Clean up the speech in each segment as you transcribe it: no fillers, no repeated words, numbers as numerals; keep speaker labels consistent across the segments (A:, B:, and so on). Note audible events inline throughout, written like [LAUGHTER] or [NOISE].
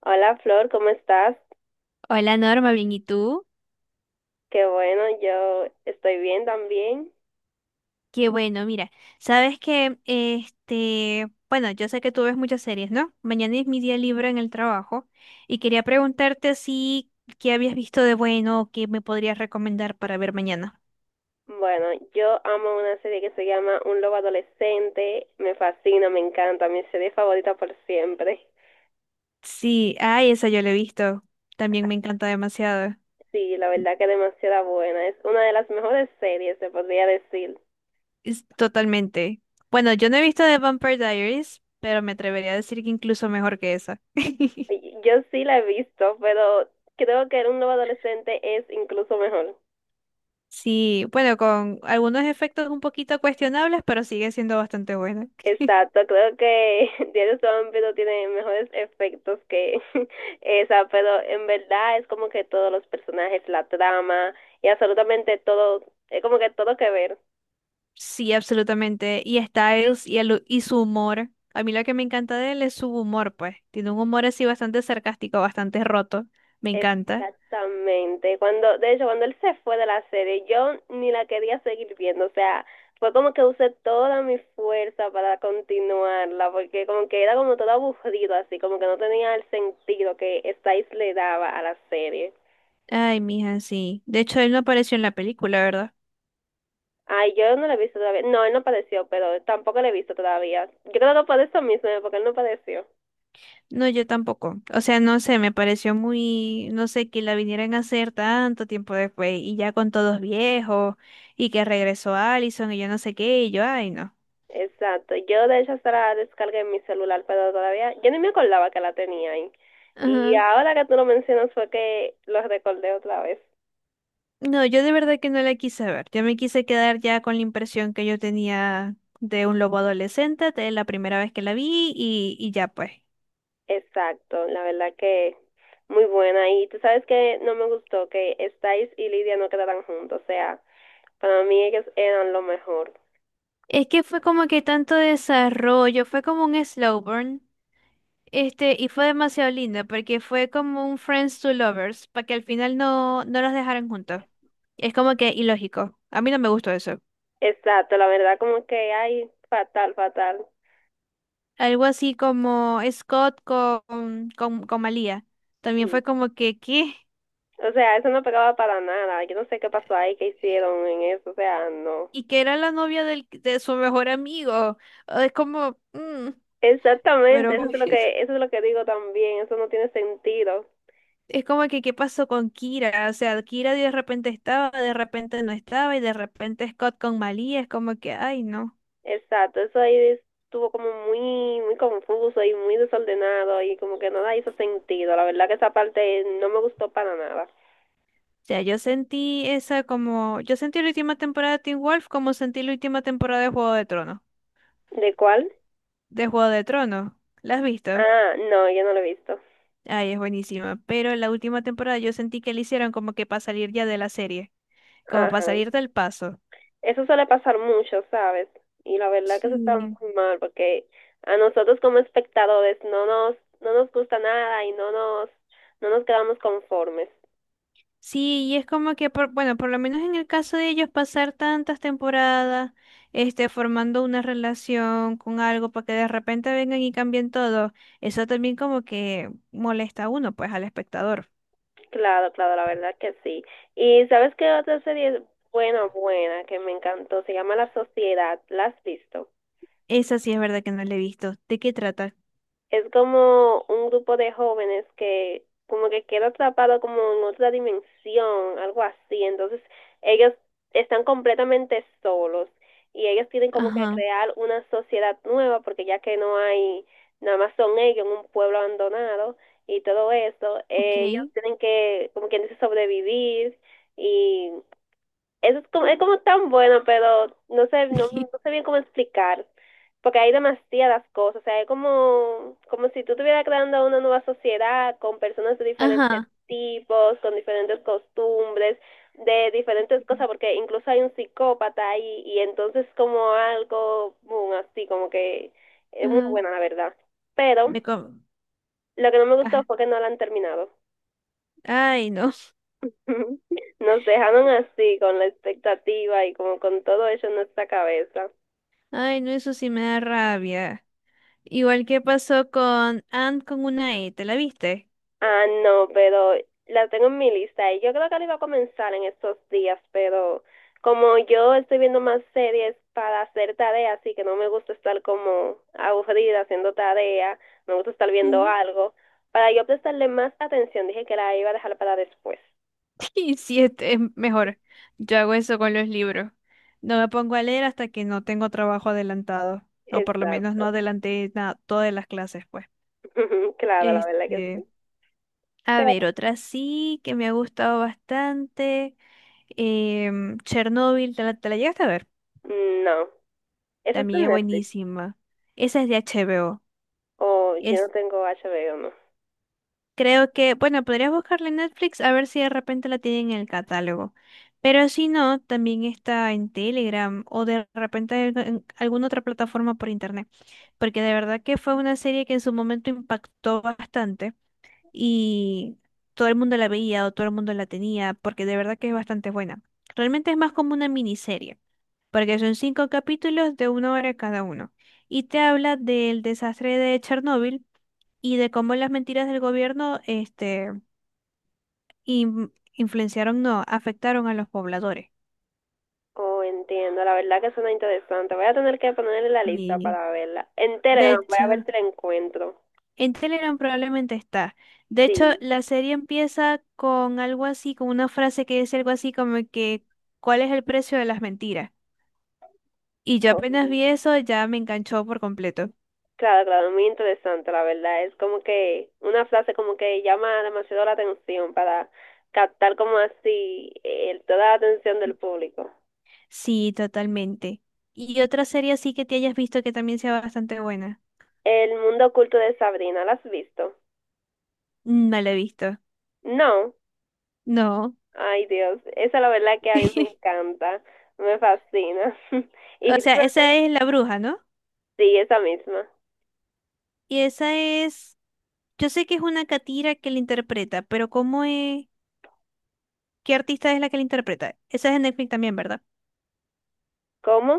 A: Hola Flor, ¿cómo estás?
B: Hola Norma, bien, ¿y tú?
A: Qué bueno, yo estoy bien también.
B: Qué bueno, mira, sabes que, bueno, yo sé que tú ves muchas series, ¿no? Mañana es mi día libre en el trabajo y quería preguntarte si, qué habías visto de bueno o qué me podrías recomendar para ver mañana.
A: Bueno, yo amo una serie que se llama Un lobo adolescente, me fascina, me encanta, mi serie favorita por siempre.
B: Sí, ay, esa yo la he visto, también me encanta demasiado,
A: Sí, la verdad que es demasiado buena, es una de las mejores series, se podría decir.
B: es totalmente. Bueno, yo no he visto The Vampire Diaries, pero me atrevería a decir que incluso mejor que esa. [LAUGHS]
A: Yo sí la he visto, pero creo que Un lobo adolescente es incluso mejor.
B: Sí, bueno, con algunos efectos un poquito cuestionables, pero sigue siendo bastante buena. [LAUGHS]
A: Exacto, creo que [LAUGHS] Diario Zombie no tiene mejores efectos que [LAUGHS] esa, pero en verdad es como que todos los personajes, la trama y absolutamente todo, es como que todo que ver.
B: Sí, absolutamente. Y Styles y su humor. A mí lo que me encanta de él es su humor, pues. Tiene un humor así bastante sarcástico, bastante roto. Me encanta.
A: Exactamente. Cuando, de hecho, cuando él se fue de la serie, yo ni la quería seguir viendo, o sea, fue como que usé toda mi fuerza para continuarla, porque como que era como todo aburrido, así como que no tenía el sentido que Stiles le daba a la serie.
B: Ay, mija, sí. De hecho, él no apareció en la película, ¿verdad?
A: Ay, yo no lo he visto todavía. No, él no padeció, pero tampoco lo he visto todavía. Yo creo que por eso mismo, porque él no padeció.
B: No, yo tampoco. O sea, no sé, me pareció muy, no sé, que la vinieran a hacer tanto tiempo después y ya con todos viejos y que regresó Allison y yo no sé qué y yo, ay, no.
A: Exacto. Yo de hecho hasta la descargué en mi celular, pero todavía yo ni me acordaba que la tenía ahí. Y
B: Ajá.
A: ahora que tú lo mencionas fue que lo recordé otra vez.
B: No, yo de verdad que no la quise ver. Yo me quise quedar ya con la impresión que yo tenía de un lobo adolescente de la primera vez que la vi y ya pues.
A: Exacto, la verdad que muy buena. Y tú sabes que no me gustó que Styles y Lidia no quedaran juntos. O sea, para mí ellos eran lo mejor.
B: Es que fue como que tanto desarrollo, fue como un slow burn, y fue demasiado lindo porque fue como un friends to lovers, para que al final no, no los dejaran juntos. Es como que ilógico. A mí no me gustó eso.
A: Exacto, la verdad como que, ay, fatal, fatal.
B: Algo así como Scott con Malia. También
A: Sí.
B: fue como que, ¿qué?
A: O sea, eso no pegaba para nada. Yo no sé qué pasó ahí, qué hicieron en eso. O sea, no.
B: Y que era la novia de su mejor amigo. Ah, es como,
A: Exactamente,
B: pero
A: eso
B: bueno,
A: es lo
B: [LAUGHS]
A: que, eso es lo que digo también. Eso no tiene sentido.
B: es como que, ¿qué pasó con Kira? O sea, Kira de repente estaba, de repente no estaba, y de repente Scott con Malia, es como que, ay, no.
A: Exacto, eso ahí estuvo como muy, muy confuso y muy desordenado y como que nada hizo sentido. La verdad que esa parte no me gustó para nada.
B: O sea, yo sentí la última temporada de Teen Wolf como sentí la última temporada de Juego de Tronos.
A: ¿De cuál?
B: De Juego de Tronos, ¿la has visto?
A: Ah, no, yo no lo he visto.
B: Ay, es buenísima. Pero en la última temporada yo sentí que le hicieron como que para salir ya de la serie, como para
A: Ajá.
B: salir del paso.
A: Eso suele pasar mucho, ¿sabes? Y la verdad que eso está
B: Sí.
A: muy mal porque a nosotros como espectadores no nos gusta nada y no nos quedamos conformes.
B: Sí, y es como que, bueno, por lo menos en el caso de ellos, pasar tantas temporadas, formando una relación con algo para que de repente vengan y cambien todo, eso también como que molesta a uno, pues, al espectador.
A: Claro, claro, la verdad que sí. Y ¿sabes qué otra serie es buena, buena, que me encantó? Se llama La Sociedad. ¿La has visto?
B: Esa sí es verdad que no la he visto. ¿De qué trata?
A: Es como un grupo de jóvenes que como que queda atrapado como en otra dimensión, algo así. Entonces, ellos están completamente solos y ellos tienen como que
B: Ajá,
A: crear una sociedad nueva porque ya que no hay, nada más son ellos en un pueblo abandonado y todo eso,
B: ok.
A: ellos tienen que, como quien dice, sobrevivir y eso es como tan bueno, pero no sé, no, no
B: [LAUGHS]
A: sé bien cómo explicar, porque hay demasiadas cosas, o sea, es como, como si tú estuvieras creando una nueva sociedad con personas de diferentes
B: Ajá,
A: tipos, con diferentes costumbres, de diferentes cosas, porque incluso hay un psicópata ahí, y entonces como algo, boom, así como que es muy
B: ajá.
A: buena, la verdad. Pero
B: Me com-
A: lo que no me gustó
B: ajá.
A: fue que no la han terminado.
B: Ay, no. [LAUGHS]
A: [LAUGHS] Nos dejaron así, con la expectativa y como con todo eso en nuestra cabeza.
B: Ay, no, eso sí me da rabia. Igual que pasó con Ant con una E, ¿te la viste?
A: Ah, no, pero la tengo en mi lista y yo creo que la iba a comenzar en estos días, pero como yo estoy viendo más series para hacer tareas así que no me gusta estar como aburrida haciendo tarea, me gusta estar viendo algo, para yo prestarle más atención dije que la iba a dejar para después.
B: [LAUGHS] Y sí, es mejor. Yo hago eso con los libros. No me pongo a leer hasta que no tengo trabajo adelantado. O por lo menos no
A: Exacto.
B: adelanté nada, todas las clases, pues.
A: [LAUGHS] Claro, la verdad que
B: Este,
A: sí.
B: a
A: Pero
B: ver, otra sí que me ha gustado bastante. Chernobyl, ¿te la llegaste a ver?
A: no, eso es
B: También
A: en
B: es
A: Netflix.
B: buenísima. Esa es de HBO.
A: O yo no tengo HBO no.
B: Creo que, bueno, podrías buscarla en Netflix a ver si de repente la tienen en el catálogo. Pero si no, también está en Telegram o de repente en alguna otra plataforma por internet. Porque de verdad que fue una serie que en su momento impactó bastante y todo el mundo la veía o todo el mundo la tenía porque de verdad que es bastante buena. Realmente es más como una miniserie porque son cinco capítulos de una hora cada uno. Y te habla del desastre de Chernóbil y de cómo las mentiras del gobierno influenciaron, no, afectaron a los pobladores.
A: Oh, entiendo. La verdad que suena interesante. Voy a tener que ponerle la lista
B: Y
A: para verla. En
B: de
A: Telegram voy a
B: hecho,
A: ver si la encuentro.
B: en Telegram probablemente está. De hecho,
A: Sí.
B: la serie empieza con algo así, con una frase que dice algo así como que, ¿cuál es el precio de las mentiras? Y yo apenas
A: Ujú.
B: vi eso, ya me enganchó por completo.
A: Claro, claro, muy interesante, la verdad. Es como que una frase como que llama demasiado la atención para captar como así toda la atención del público.
B: Sí, totalmente. ¿Y otra serie así que te hayas visto que también sea bastante buena?
A: El mundo oculto de Sabrina, ¿la has visto?
B: No la he visto.
A: No.
B: No.
A: Ay, Dios. Esa la verdad que a mí me
B: [LAUGHS]
A: encanta. Me fascina. [LAUGHS] Y
B: O sea, esa
A: Riverdale.
B: es la bruja, ¿no?
A: Sí, esa misma.
B: Y esa es. Yo sé que es una catira que la interpreta, pero ¿cómo es? ¿Qué artista es la que la interpreta? Esa es de Netflix también, ¿verdad?
A: ¿Cómo?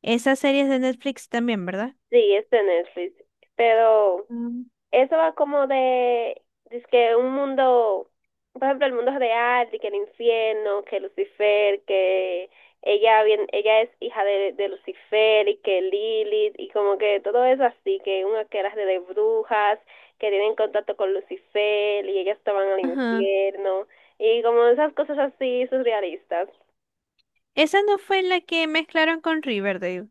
B: Esa serie es de Netflix también, ¿verdad?
A: Sí, es de Netflix. Pero
B: Mm.
A: eso va como de, es que un mundo, por ejemplo, el mundo real, de que el infierno, que Lucifer, que ella bien, ella es hija de Lucifer y que Lilith, y como que todo eso así, que una que era de brujas, que tienen contacto con Lucifer y ellas estaban al
B: Ajá.
A: infierno, y como esas cosas así surrealistas.
B: Esa no fue la que mezclaron con Riverdale.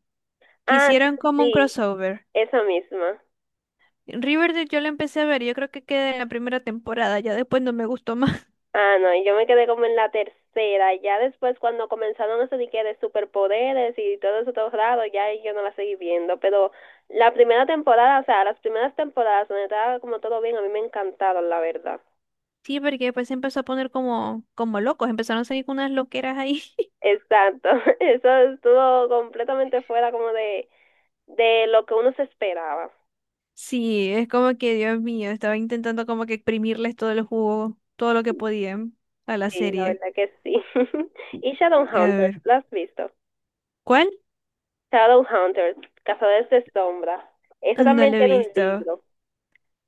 B: Que
A: Ah,
B: hicieron
A: sí,
B: como un
A: sí,
B: crossover.
A: esa misma.
B: Riverdale yo la empecé a ver, yo creo que quedé en la primera temporada, ya después no me gustó [LAUGHS] más.
A: Ah, no, yo me quedé como en la tercera. Ya después, cuando comenzaron eso de que de superpoderes y todo eso todo raro, ya ahí yo no la seguí viendo. Pero la primera temporada, o sea, las primeras temporadas donde estaba como todo bien, a mí me encantaron, la verdad.
B: Sí, porque después se empezó a poner como locos, empezaron a salir con unas loqueras ahí. [LAUGHS]
A: Exacto. [LAUGHS] Eso estuvo completamente fuera como de lo que uno se esperaba.
B: Sí, es como que, Dios mío, estaba intentando como que exprimirles todo el jugo, todo lo que podían a la
A: Sí, la
B: serie.
A: verdad que sí. [LAUGHS] Y
B: A
A: Shadowhunters,
B: ver,
A: ¿la has visto?
B: ¿cuál?
A: Shadowhunters, Cazadores de Sombra. Esa
B: No
A: también
B: lo he
A: tiene un
B: visto.
A: libro.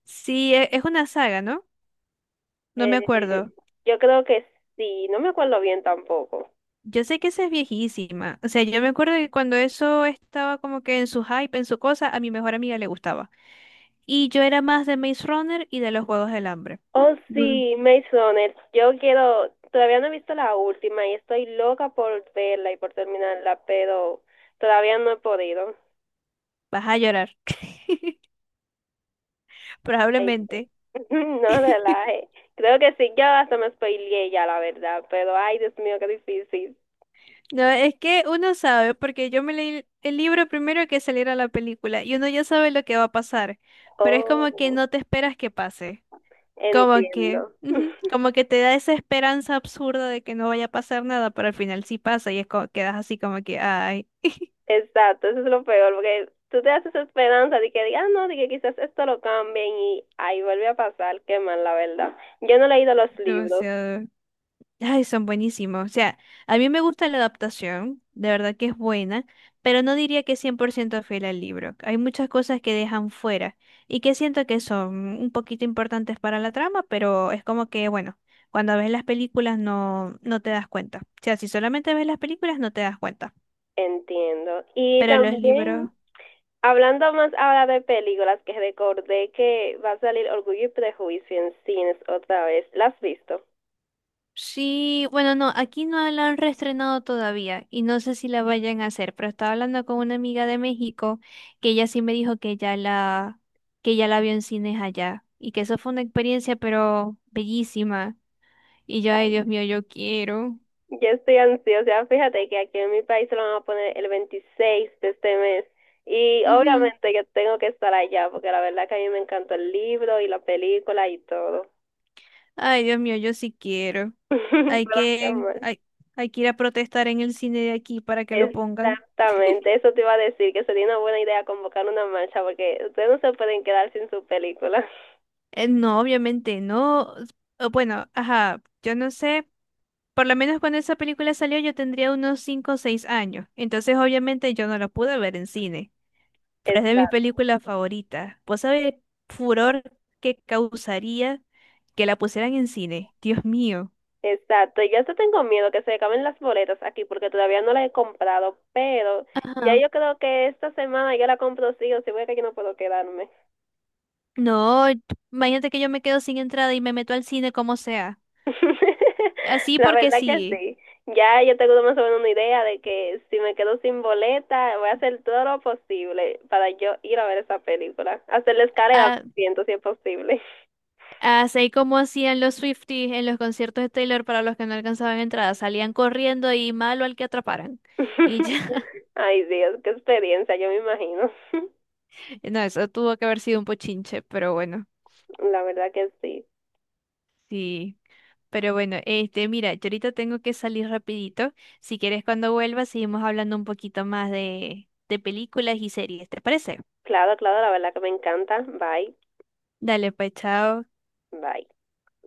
B: Sí, es una saga, ¿no? No me
A: Eh,
B: acuerdo.
A: yo creo que sí, no me acuerdo bien tampoco.
B: Yo sé que esa es viejísima. O sea, yo me acuerdo que cuando eso estaba como que en su hype, en su cosa, a mi mejor amiga le gustaba. Y yo era más de Maze Runner y de los Juegos del Hambre.
A: Oh,
B: Mm,
A: sí, Maze Runner. Yo quiero, todavía no he visto la última y estoy loca por verla y por terminarla, pero todavía no he podido.
B: Vas a llorar. [LAUGHS]
A: Ay,
B: Probablemente.
A: [LAUGHS] no
B: [LAUGHS]
A: relaje. Creo que sí, yo hasta me spoileé ya, la verdad, pero ay, Dios mío, qué difícil.
B: No, es que uno sabe, porque yo me leí el libro primero que saliera la película y uno ya sabe lo que va a pasar, pero es como que
A: Oh,
B: no te esperas que pase, como que,
A: entiendo. [LAUGHS]
B: ujú, como que te da esa esperanza absurda de que no vaya a pasar nada, pero al final sí pasa y es como, quedas así como que, ay,
A: Exacto, eso es lo peor, porque tú te haces esperanza de que digas, "Ah, no, de que quizás esto lo cambien y ahí vuelve a pasar, qué mal, la verdad. Yo no he leído los libros,
B: demasiado. Ay, son buenísimos. O sea, a mí me gusta la adaptación, de verdad que es buena, pero no diría que es 100% fiel al libro. Hay muchas cosas que dejan fuera y que siento que son un poquito importantes para la trama, pero es como que, bueno, cuando ves las películas no, no te das cuenta. O sea, si solamente ves las películas no te das cuenta,
A: entiendo. Y
B: pero los
A: también,
B: libros.
A: hablando más ahora de películas, que recordé que va a salir Orgullo y Prejuicio en cines otra vez, ¿las has visto?
B: Sí, bueno, no, aquí no la han reestrenado todavía y no sé si la vayan a hacer, pero estaba hablando con una amiga de México que ella sí me dijo que ya la vio en cines allá y que eso fue una experiencia pero bellísima. Y yo, ay Dios mío, yo quiero.
A: Yo estoy ansiosa, fíjate que aquí en mi país se lo van a poner el 26 de este mes y
B: Ujú.
A: obviamente yo tengo que estar allá porque la verdad que a mí me encantó el libro y la película y todo.
B: Ay Dios mío, yo sí quiero.
A: [LAUGHS] Pero
B: Hay
A: qué
B: que,
A: mal.
B: hay, hay que ir a protestar en el cine de aquí para que lo pongan.
A: Exactamente, eso te iba a decir, que sería una buena idea convocar una marcha porque ustedes no se pueden quedar sin su película. [LAUGHS]
B: No, obviamente no. Bueno, ajá, yo no sé. Por lo menos cuando esa película salió yo tendría unos 5 o 6 años, entonces obviamente yo no la pude ver en cine, pero es de mis
A: Exacto,
B: películas favoritas. ¿Vos sabés el furor que causaría que la pusieran en cine? Dios mío.
A: exacto. Yo hasta tengo miedo que se acaben las boletas aquí porque todavía no las he comprado, pero ya
B: Ajá.
A: yo creo que esta semana yo la compro sí o sí, porque yo no puedo quedarme.
B: No, imagínate que yo me quedo sin entrada y me meto al cine como sea.
A: [LAUGHS]
B: Así
A: La
B: porque
A: verdad que
B: sí.
A: sí. Ya yo tengo más o menos una idea de que si me quedo sin boleta, voy a hacer todo lo posible para yo ir a ver esa película. Hacer la escalera,
B: a-
A: siento si es posible.
B: Así como hacían los Swifties en los conciertos de Taylor para los que no alcanzaban entrada. Salían corriendo y malo al que atraparan. Y ya.
A: [LAUGHS] Ay, Dios, qué experiencia, yo me imagino. [LAUGHS]
B: No, eso tuvo que haber sido un pochinche, pero bueno,
A: La verdad que sí.
B: sí. Pero bueno, mira, yo ahorita tengo que salir rapidito. Si quieres, cuando vuelva, seguimos hablando un poquito más de películas y series, ¿te parece?
A: Claro, claro, la verdad que me encanta. Bye,
B: Dale, pues, chao.
A: bye.